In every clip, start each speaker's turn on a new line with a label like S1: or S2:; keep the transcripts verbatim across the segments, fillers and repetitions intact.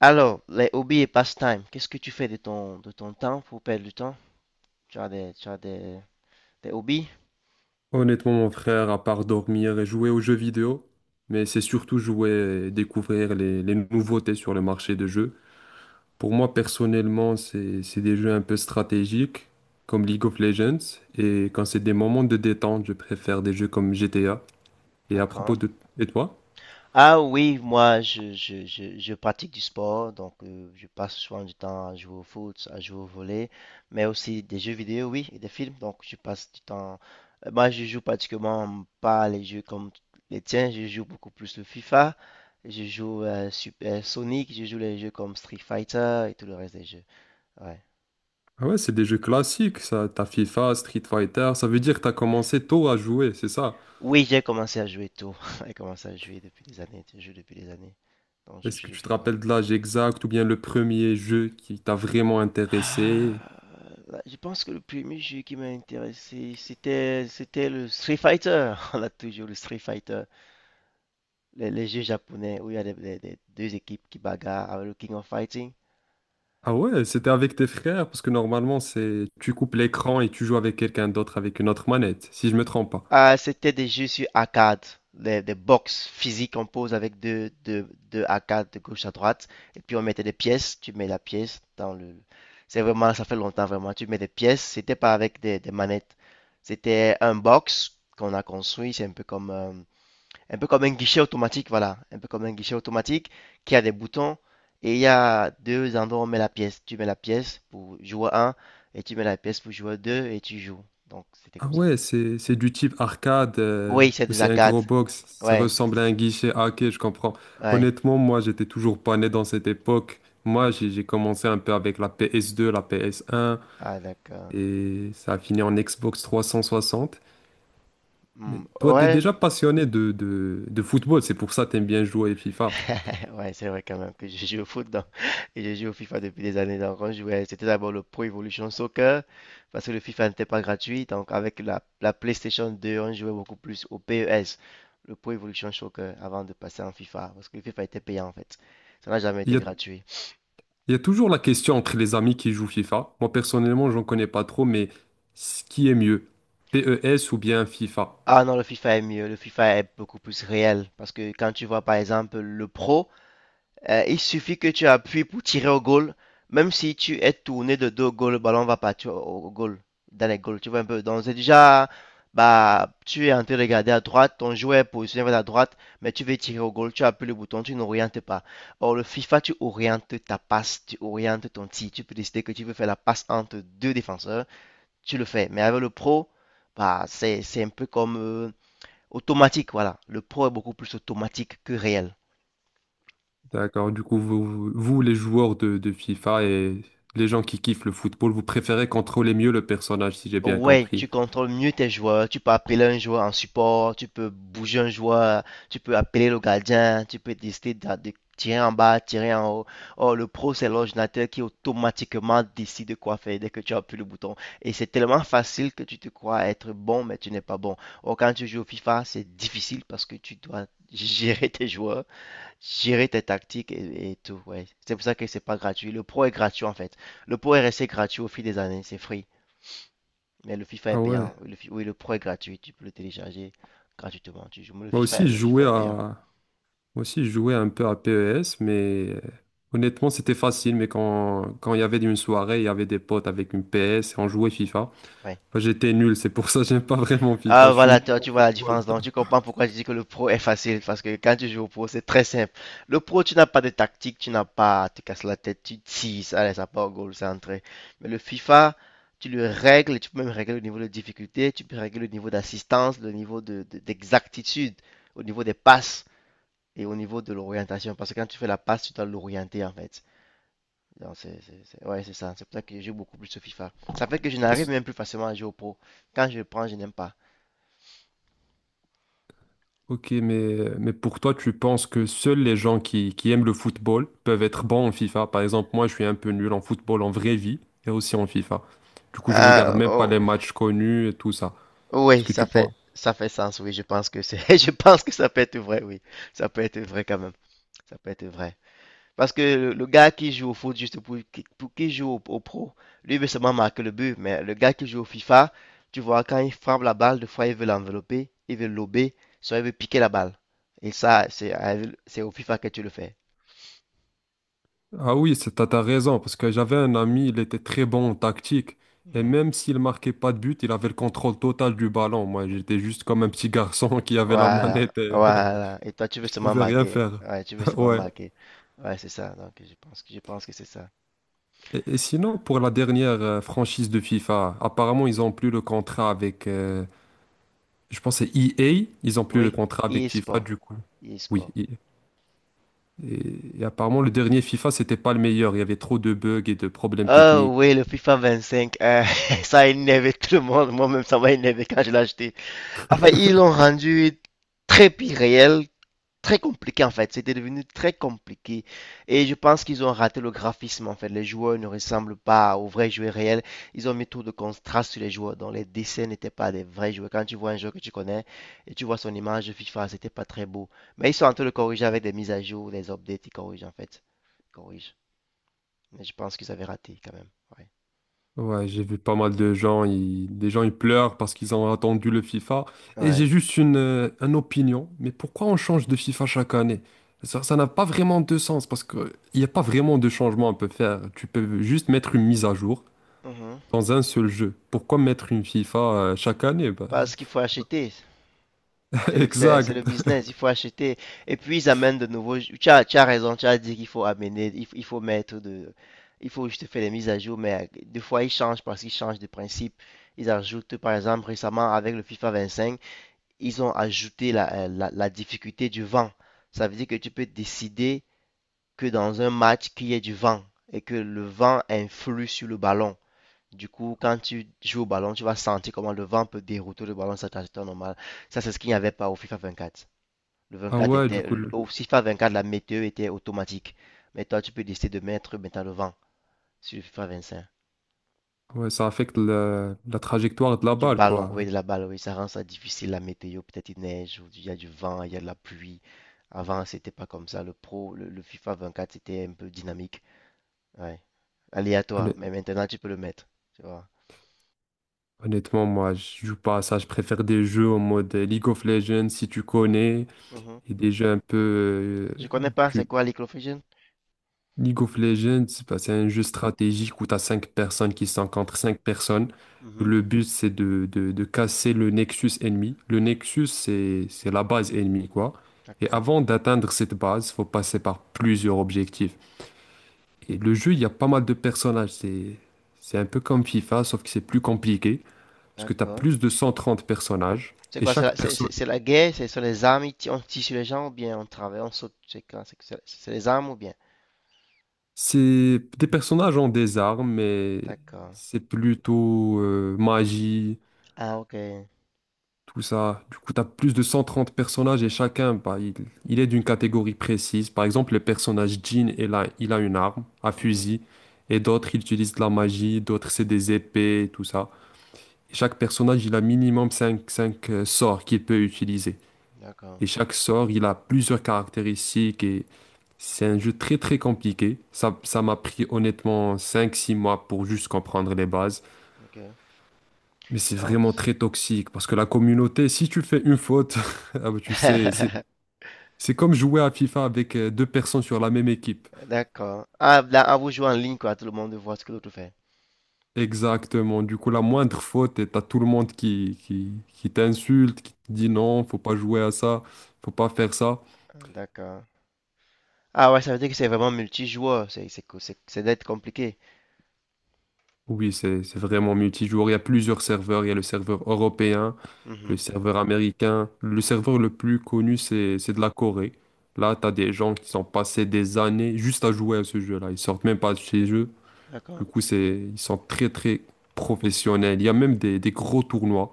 S1: Alors, les hobbies et passe-temps, qu'est-ce que tu fais de ton, de ton temps pour perdre du temps? Tu as des, tu as des, des hobbies?
S2: Honnêtement, mon frère, à part dormir et jouer aux jeux vidéo, mais c'est surtout jouer et découvrir les, les nouveautés sur le marché de jeux. Pour moi, personnellement, c'est, c'est des jeux un peu stratégiques, comme League of Legends, et quand c'est des moments de détente, je préfère des jeux comme G T A. Et à propos
S1: D'accord.
S2: de... Et toi?
S1: Ah oui, moi, je, je, je, je pratique du sport, donc euh, je passe souvent du temps à jouer au foot, à jouer au volley, mais aussi des jeux vidéo, oui, et des films, donc je passe du temps. euh, Moi, je joue pratiquement pas les jeux comme les tiens, je joue beaucoup plus le FIFA, je joue euh, Super Sonic, je joue les jeux comme Street Fighter et tout le reste des jeux. Ouais.
S2: Ah ouais, c'est des jeux classiques, ça. T'as FIFA, Street Fighter, ça veut dire que t'as commencé tôt à jouer, c'est ça.
S1: Oui, j'ai commencé à jouer tôt. J'ai commencé à jouer depuis des années. Je joue depuis des années. Donc, je
S2: Est-ce que
S1: joue
S2: tu te
S1: vivant.
S2: rappelles de l'âge exact ou bien le premier jeu qui t'a vraiment
S1: Ah,
S2: intéressé?
S1: là, je pense que le premier jeu qui m'a intéressé, c'était, c'était le Street Fighter. On a toujours le Street Fighter. Les, les jeux japonais où il y a des, des- des- deux équipes qui bagarrent avec le King of Fighting.
S2: Ah ouais, c'était avec tes frères, parce que normalement, c'est tu coupes l'écran et tu joues avec quelqu'un d'autre avec une autre manette, si je me trompe pas.
S1: Ah, c'était des jeux sur arcade, des, des box physiques, on pose avec deux, deux, deux arcades de gauche à droite, et puis on mettait des pièces, tu mets la pièce dans le... C'est vraiment, ça fait longtemps vraiment, tu mets des pièces, c'était pas avec des, des manettes, c'était un box qu'on a construit, c'est un peu comme, euh, un peu comme un guichet automatique, voilà, un peu comme un guichet automatique qui a des boutons, et il y a deux endroits où on met la pièce, tu mets la pièce pour jouer un et tu mets la pièce pour jouer deux et tu joues, donc c'était
S2: Ah
S1: comme ça.
S2: ouais, c'est c'est du type arcade, euh,
S1: Oui, c'est
S2: ou
S1: des
S2: c'est un
S1: arcades.
S2: gros box, ça
S1: Ouais,
S2: ressemble à un
S1: c'est-
S2: guichet. Ah ok, je comprends.
S1: ouais.
S2: Honnêtement, moi, j'étais toujours pas né dans cette époque. Moi, j'ai j'ai commencé un peu avec la P S deux, la P S un,
S1: Ah, d'accord.
S2: et ça a fini en Xbox trois cent soixante.
S1: Hmm.
S2: Mais toi, t'es
S1: Ouais.
S2: déjà passionné de, de, de football, c'est pour ça que t'aimes bien jouer à FIFA.
S1: Ouais, c'est vrai quand même que je joue au foot donc, et je joue au FIFA depuis des années. Donc, on jouait, c'était d'abord le Pro Evolution Soccer parce que le FIFA n'était pas gratuit. Donc, avec la, la PlayStation deux, on jouait beaucoup plus au P E S, le Pro Evolution Soccer, avant de passer en FIFA parce que le FIFA était payant en fait. Ça n'a jamais
S2: Il
S1: été
S2: y a
S1: gratuit.
S2: Il y a toujours la question entre les amis qui jouent FIFA. Moi, personnellement, j'en connais pas trop, mais ce qui est mieux, P E S ou bien FIFA.
S1: Ah non, le FIFA est mieux. Le FIFA est beaucoup plus réel parce que quand tu vois par exemple le Pro. Euh, il suffit que tu appuies pour tirer au goal. Même si tu es tourné de dos au goal, le ballon va partir au au goal, dans les goals. Tu vois un peu. Donc, c'est déjà, bah, tu es en train de regarder à droite, ton joueur est positionné vers la droite, mais tu veux tirer au goal, tu appuies le bouton, tu n'orientes pas. Or, le FIFA, tu orientes ta passe, tu orientes ton tir. Tu peux décider que tu veux faire la passe entre deux défenseurs, tu le fais. Mais avec le pro, bah, c'est, c'est un peu comme euh, automatique, voilà. Le pro est beaucoup plus automatique que réel.
S2: D'accord. Du coup, vous, vous, vous, les joueurs de, de FIFA et les gens qui kiffent le football, vous préférez contrôler mieux le personnage, si j'ai bien
S1: Ouais, tu
S2: compris.
S1: contrôles mieux tes joueurs, tu peux appeler un joueur en support, tu peux bouger un joueur, tu peux appeler le gardien, tu peux décider d'a- de, tirer en bas, tirer en haut. Or, le pro, c'est l'ordinateur qui automatiquement décide quoi faire dès que tu appuies le bouton. Et c'est tellement facile que tu te crois être bon, mais tu n'es pas bon. Or, quand tu joues au FIFA, c'est difficile parce que tu dois gérer tes joueurs, gérer tes tactiques et, et tout. Ouais. C'est pour ça que c'est pas gratuit. Le pro est gratuit en fait. Le pro est resté gratuit au fil des années, c'est free. Mais le FIFA est
S2: Ah ouais.
S1: payant. Le fi- oui, le Pro est gratuit. Tu peux le télécharger gratuitement. Tu joues. Mais le
S2: Moi aussi,
S1: FIFA,
S2: je
S1: le FIFA
S2: jouais à,
S1: est payant.
S2: moi aussi, je jouais un peu à P E S, mais euh, honnêtement, c'était facile. Mais quand, quand il y avait une soirée, il y avait des potes avec une P S et on jouait FIFA.
S1: Ouais.
S2: Enfin, j'étais nul, c'est pour ça que j'aime pas vraiment FIFA. Je
S1: Ah,
S2: suis
S1: voilà,
S2: nul
S1: toi,
S2: en
S1: tu vois la différence. Donc,
S2: football.
S1: tu comprends pourquoi je dis que le Pro est facile. Parce que quand tu joues au Pro, c'est très simple. Le Pro, tu n'as pas de tactique. Tu n'as pas à te casser la tête. Tu tises. Allez, ça part au goal. C'est entré. Mais le FIFA, tu le règles. Tu peux même régler le niveau de difficulté. Tu peux régler le niveau d'assistance, le niveau de, de- d'exactitude, au niveau des passes et au niveau de l'orientation. Parce que quand tu fais la passe, tu dois l'orienter, en fait. Non c'est, c'est- c'est- ouais, c'est ça. C'est pour ça que je joue beaucoup plus sur FIFA. Ça fait que je n'arrive même plus facilement à jouer au pro. Quand je le prends, je n'aime pas.
S2: Ok, mais, mais pour toi, tu penses que seuls les gens qui, qui aiment le football peuvent être bons en FIFA? Par exemple, moi, je suis un peu nul en football en vraie vie et aussi en FIFA. Du coup, je regarde
S1: Ah,
S2: même pas
S1: oh,
S2: les matchs connus et tout ça. Est-ce
S1: oui,
S2: que tu
S1: ça fait,
S2: penses?
S1: ça fait sens, oui. Je pense que c'est, je pense que ça peut être vrai, oui. Ça peut être vrai quand même. Ça peut être vrai. Parce que le, le gars qui joue au foot juste pour, qui- pour qui joue au, au pro, lui il veut seulement marquer le but. Mais le gars qui joue au FIFA, tu vois, quand il frappe la balle, des fois il veut l'envelopper, il veut lober, soit il veut piquer la balle. Et ça, c'est, avec- c'est au FIFA que tu le fais.
S2: Ah oui, c'est- t'as, t'as raison, parce que j'avais un ami, il était très bon en tactique. Et même s'il marquait pas de but, il avait le contrôle total du ballon. Moi, j'étais juste comme un petit garçon qui avait la
S1: Voilà,
S2: manette et
S1: voilà. Et toi, tu veux
S2: je
S1: seulement
S2: pouvais rien
S1: marquer.
S2: faire.
S1: Ouais, tu veux seulement
S2: Ouais.
S1: marquer. Ouais, c'est ça. Donc, je pense que je pense que c'est ça.
S2: Et, et sinon, pour la dernière euh, franchise de FIFA, apparemment, ils ont plus le contrat avec, euh, je pense, que c'est E A. Ils ont plus le
S1: Oui,
S2: contrat avec FIFA,
S1: e-sport,
S2: du coup. Oui.
S1: e-sport.
S2: Et, et- et apparemment, le dernier FIFA, c'était pas le meilleur. Il y avait trop de bugs et de problèmes
S1: Oh
S2: techniques.
S1: oui, le FIFA vingt-cinq, euh, ça a énervé tout le monde. Moi-même, ça m'a énervé quand je l'ai acheté. Enfin, ils l'ont rendu très pire très compliqué en fait. C'était devenu très compliqué. Et je pense qu'ils ont raté le graphisme en fait. Les joueurs ne ressemblent pas aux vrais joueurs réels. Ils ont mis trop de contraste sur les joueurs. Donc les dessins n'étaient pas des vrais joueurs. Quand tu vois un joueur que tu connais et tu vois son image FIFA, c'était pas très beau. Mais ils sont en train de corriger avec des mises à jour, des updates. Ils corrigent en fait. Ils corrigent. Mais je pense qu'ils avaient raté quand même. Ouais.
S2: Ouais, j'ai vu pas mal de gens, ils, des gens ils pleurent parce qu'ils ont attendu le FIFA. Et j'ai
S1: Ouais.
S2: juste une, euh, une opinion, mais pourquoi on change de FIFA chaque année? Ça, ça n'a pas vraiment de sens parce que il n'y a pas vraiment de changement à peut faire. Tu peux juste mettre une mise à jour
S1: Mhm.
S2: dans un seul jeu. Pourquoi mettre une FIFA euh, chaque année? Bah,
S1: Parce qu'il faut acheter. C'est le, c'est, c'est le
S2: exact.
S1: business, il faut acheter. Et puis ils amènent de nouveaux. Tu as, tu as raison, tu as dit qu'il faut amener, il, faut- il faut mettre de. Il faut juste faire des mises à jour, mais euh, des fois ils changent parce qu'ils changent de principe. Ils ajoutent, par exemple, récemment avec le FIFA vingt-cinq, ils ont ajouté la, euh, la, la difficulté du vent. Ça veut dire que tu peux décider que dans un match qu'il y ait du vent et que le vent influe sur le ballon. Du coup, quand tu joues au ballon, tu vas sentir comment le vent peut dérouter le ballon, sur ça c'est normal. Ça, c'est ce qu'il n'y avait pas au FIFA vingt-quatre. Le
S2: Ah
S1: vingt-quatre
S2: ouais, du
S1: était,
S2: coup, le-
S1: au FIFA vingt-quatre, la météo était automatique. Mais toi, tu peux décider de mettre maintenant le vent sur le FIFA vingt-cinq.
S2: ouais, ça affecte la, la trajectoire de la
S1: Du
S2: balle,
S1: ballon,
S2: quoi.
S1: oui, de la balle, oui, ça rend ça difficile, la météo. Peut-être il neige, ou il y a du vent, il y a de la pluie. Avant, c'était pas comme ça. Le pro, le, le FIFA vingt-quatre, c'était un peu dynamique. Ouais. Aléatoire.
S2: Honnêt-
S1: Mais maintenant, tu peux le mettre. Tu vois.
S2: Honnêtement, moi, je joue pas à ça. Je préfère des jeux en mode euh, League of Legends, si tu connais,
S1: Mhm.
S2: et des jeux un peu, euh,
S1: Je connais pas, c'est
S2: du
S1: quoi l'Eco Fusion?
S2: League of Legends, bah, c'est un jeu stratégique où tu as cinq personnes qui sont contre cinq personnes.
S1: Mhm.
S2: Le but, c'est de, de- de casser le nexus ennemi. Le nexus, c'est, c'est la base ennemie, quoi. Et
S1: D'accord.
S2: avant d'atteindre cette base, faut passer par plusieurs objectifs. Et le jeu, il y a pas mal de personnages. C'est, c'est un peu comme FIFA, sauf que c'est plus compliqué, parce que tu as
S1: D'accord.
S2: plus de cent trente personnages.
S1: C'est
S2: Et
S1: quoi? C'est
S2: chaque
S1: la, c'est,
S2: personne,
S1: c'est- c'est la guerre? C'est sur les armes? ils ti- On tire sur les gens ou bien on travaille? On saute? C'est quoi? C'est c'est- c'est les armes ou bien?
S2: c'est des personnages ont des armes, mais
S1: D'accord.
S2: c'est plutôt euh, magie.
S1: Ah, ok.
S2: Tout ça. Du coup, tu as plus de cent trente personnages et chacun, bah, il, il est d'une catégorie précise. Par exemple, le personnage Jean, il a, il a une arme, un
S1: Mhm.
S2: fusil, et d'autres, ils utilisent de la magie, d'autres, c'est des épées, et tout ça. Et chaque personnage, il a minimum cinq cinq euh, sorts qu'il peut utiliser. Et
S1: D'accord.
S2: chaque sort, il a plusieurs caractéristiques et c'est un jeu très très compliqué. Ça, ça m'a pris honnêtement cinq six mois pour juste comprendre les bases.
S1: Ok.
S2: Mais c'est
S1: Ah,
S2: vraiment
S1: c'est-
S2: très toxique parce que la communauté, si tu fais une faute, ah bah, tu sais, c'est c'est comme jouer à FIFA avec euh, deux personnes sur la même équipe.
S1: D'accord. Ah, là, ah, vous jouez en ligne, quoi. Tout le monde voit ce que l'autre fait.
S2: Exactement. Du coup, la moindre faute, et t'as tout le monde qui, qui, qui t'insulte, qui te dit non, faut pas jouer à ça, faut pas faire ça.
S1: Ah, d'accord. Ah, ouais, ça veut dire que c'est vraiment multijoueur. C'est c'est co- c'est- c'est d'être compliqué.
S2: Oui, c'est c'est vraiment multijoueur. Il y a plusieurs serveurs. Il y a le serveur européen, le
S1: Mhm.
S2: serveur américain. Le serveur le plus connu, c'est c'est de la Corée. Là, t'as des gens qui sont passés des années juste à jouer à ce jeu-là. Ils sortent même pas de chez eux. Du
S1: D'accord.
S2: coup, c'est, ils sont très, très professionnels. Il y a même des, des gros tournois.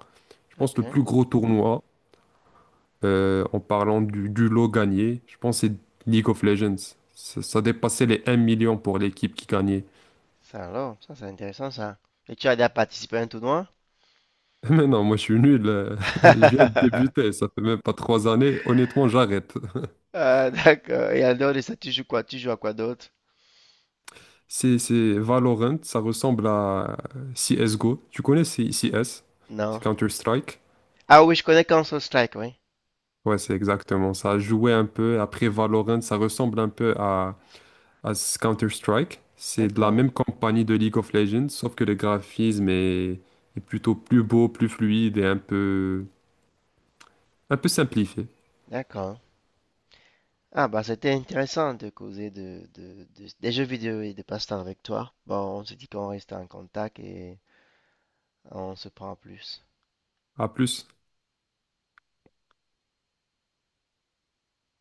S2: Je pense que
S1: Ok.
S2: le plus gros tournoi, euh, en parlant du, du lot gagné, je pense que c'est League of Legends. Ça, ça dépassait les un million pour l'équipe qui gagnait.
S1: Ça alors, ça c'est intéressant, ça. Et tu as déjà participé à un tournoi?
S2: Mais non, moi je suis nul. euh, Je viens de débuter, ça fait même pas trois années. Honnêtement, j'arrête.
S1: Ah, d'accord. Et en dehors de ça, tu joues quoi? Tu joues à quoi d'autre?
S2: C'est c'est Valorant, ça ressemble à C S G O. Tu connais C- CS? C'est
S1: Non.
S2: Counter-Strike?
S1: Ah oui, je connais Counter-Strike, oui.
S2: Ouais, c'est exactement ça. Jouer un peu. Après Valorant, ça ressemble un peu à à ce Counter-Strike. C'est de la
S1: D'accord,
S2: même compagnie de League of Legends, sauf que le graphisme est, est plutôt plus beau, plus fluide et un peu, un peu simplifié.
S1: d'accord. Ah bah c'était intéressant de causer de, de- de- des jeux vidéo et des passe-temps avec toi. Bon, on se dit qu'on reste en contact et on se prend en plus.
S2: À plus.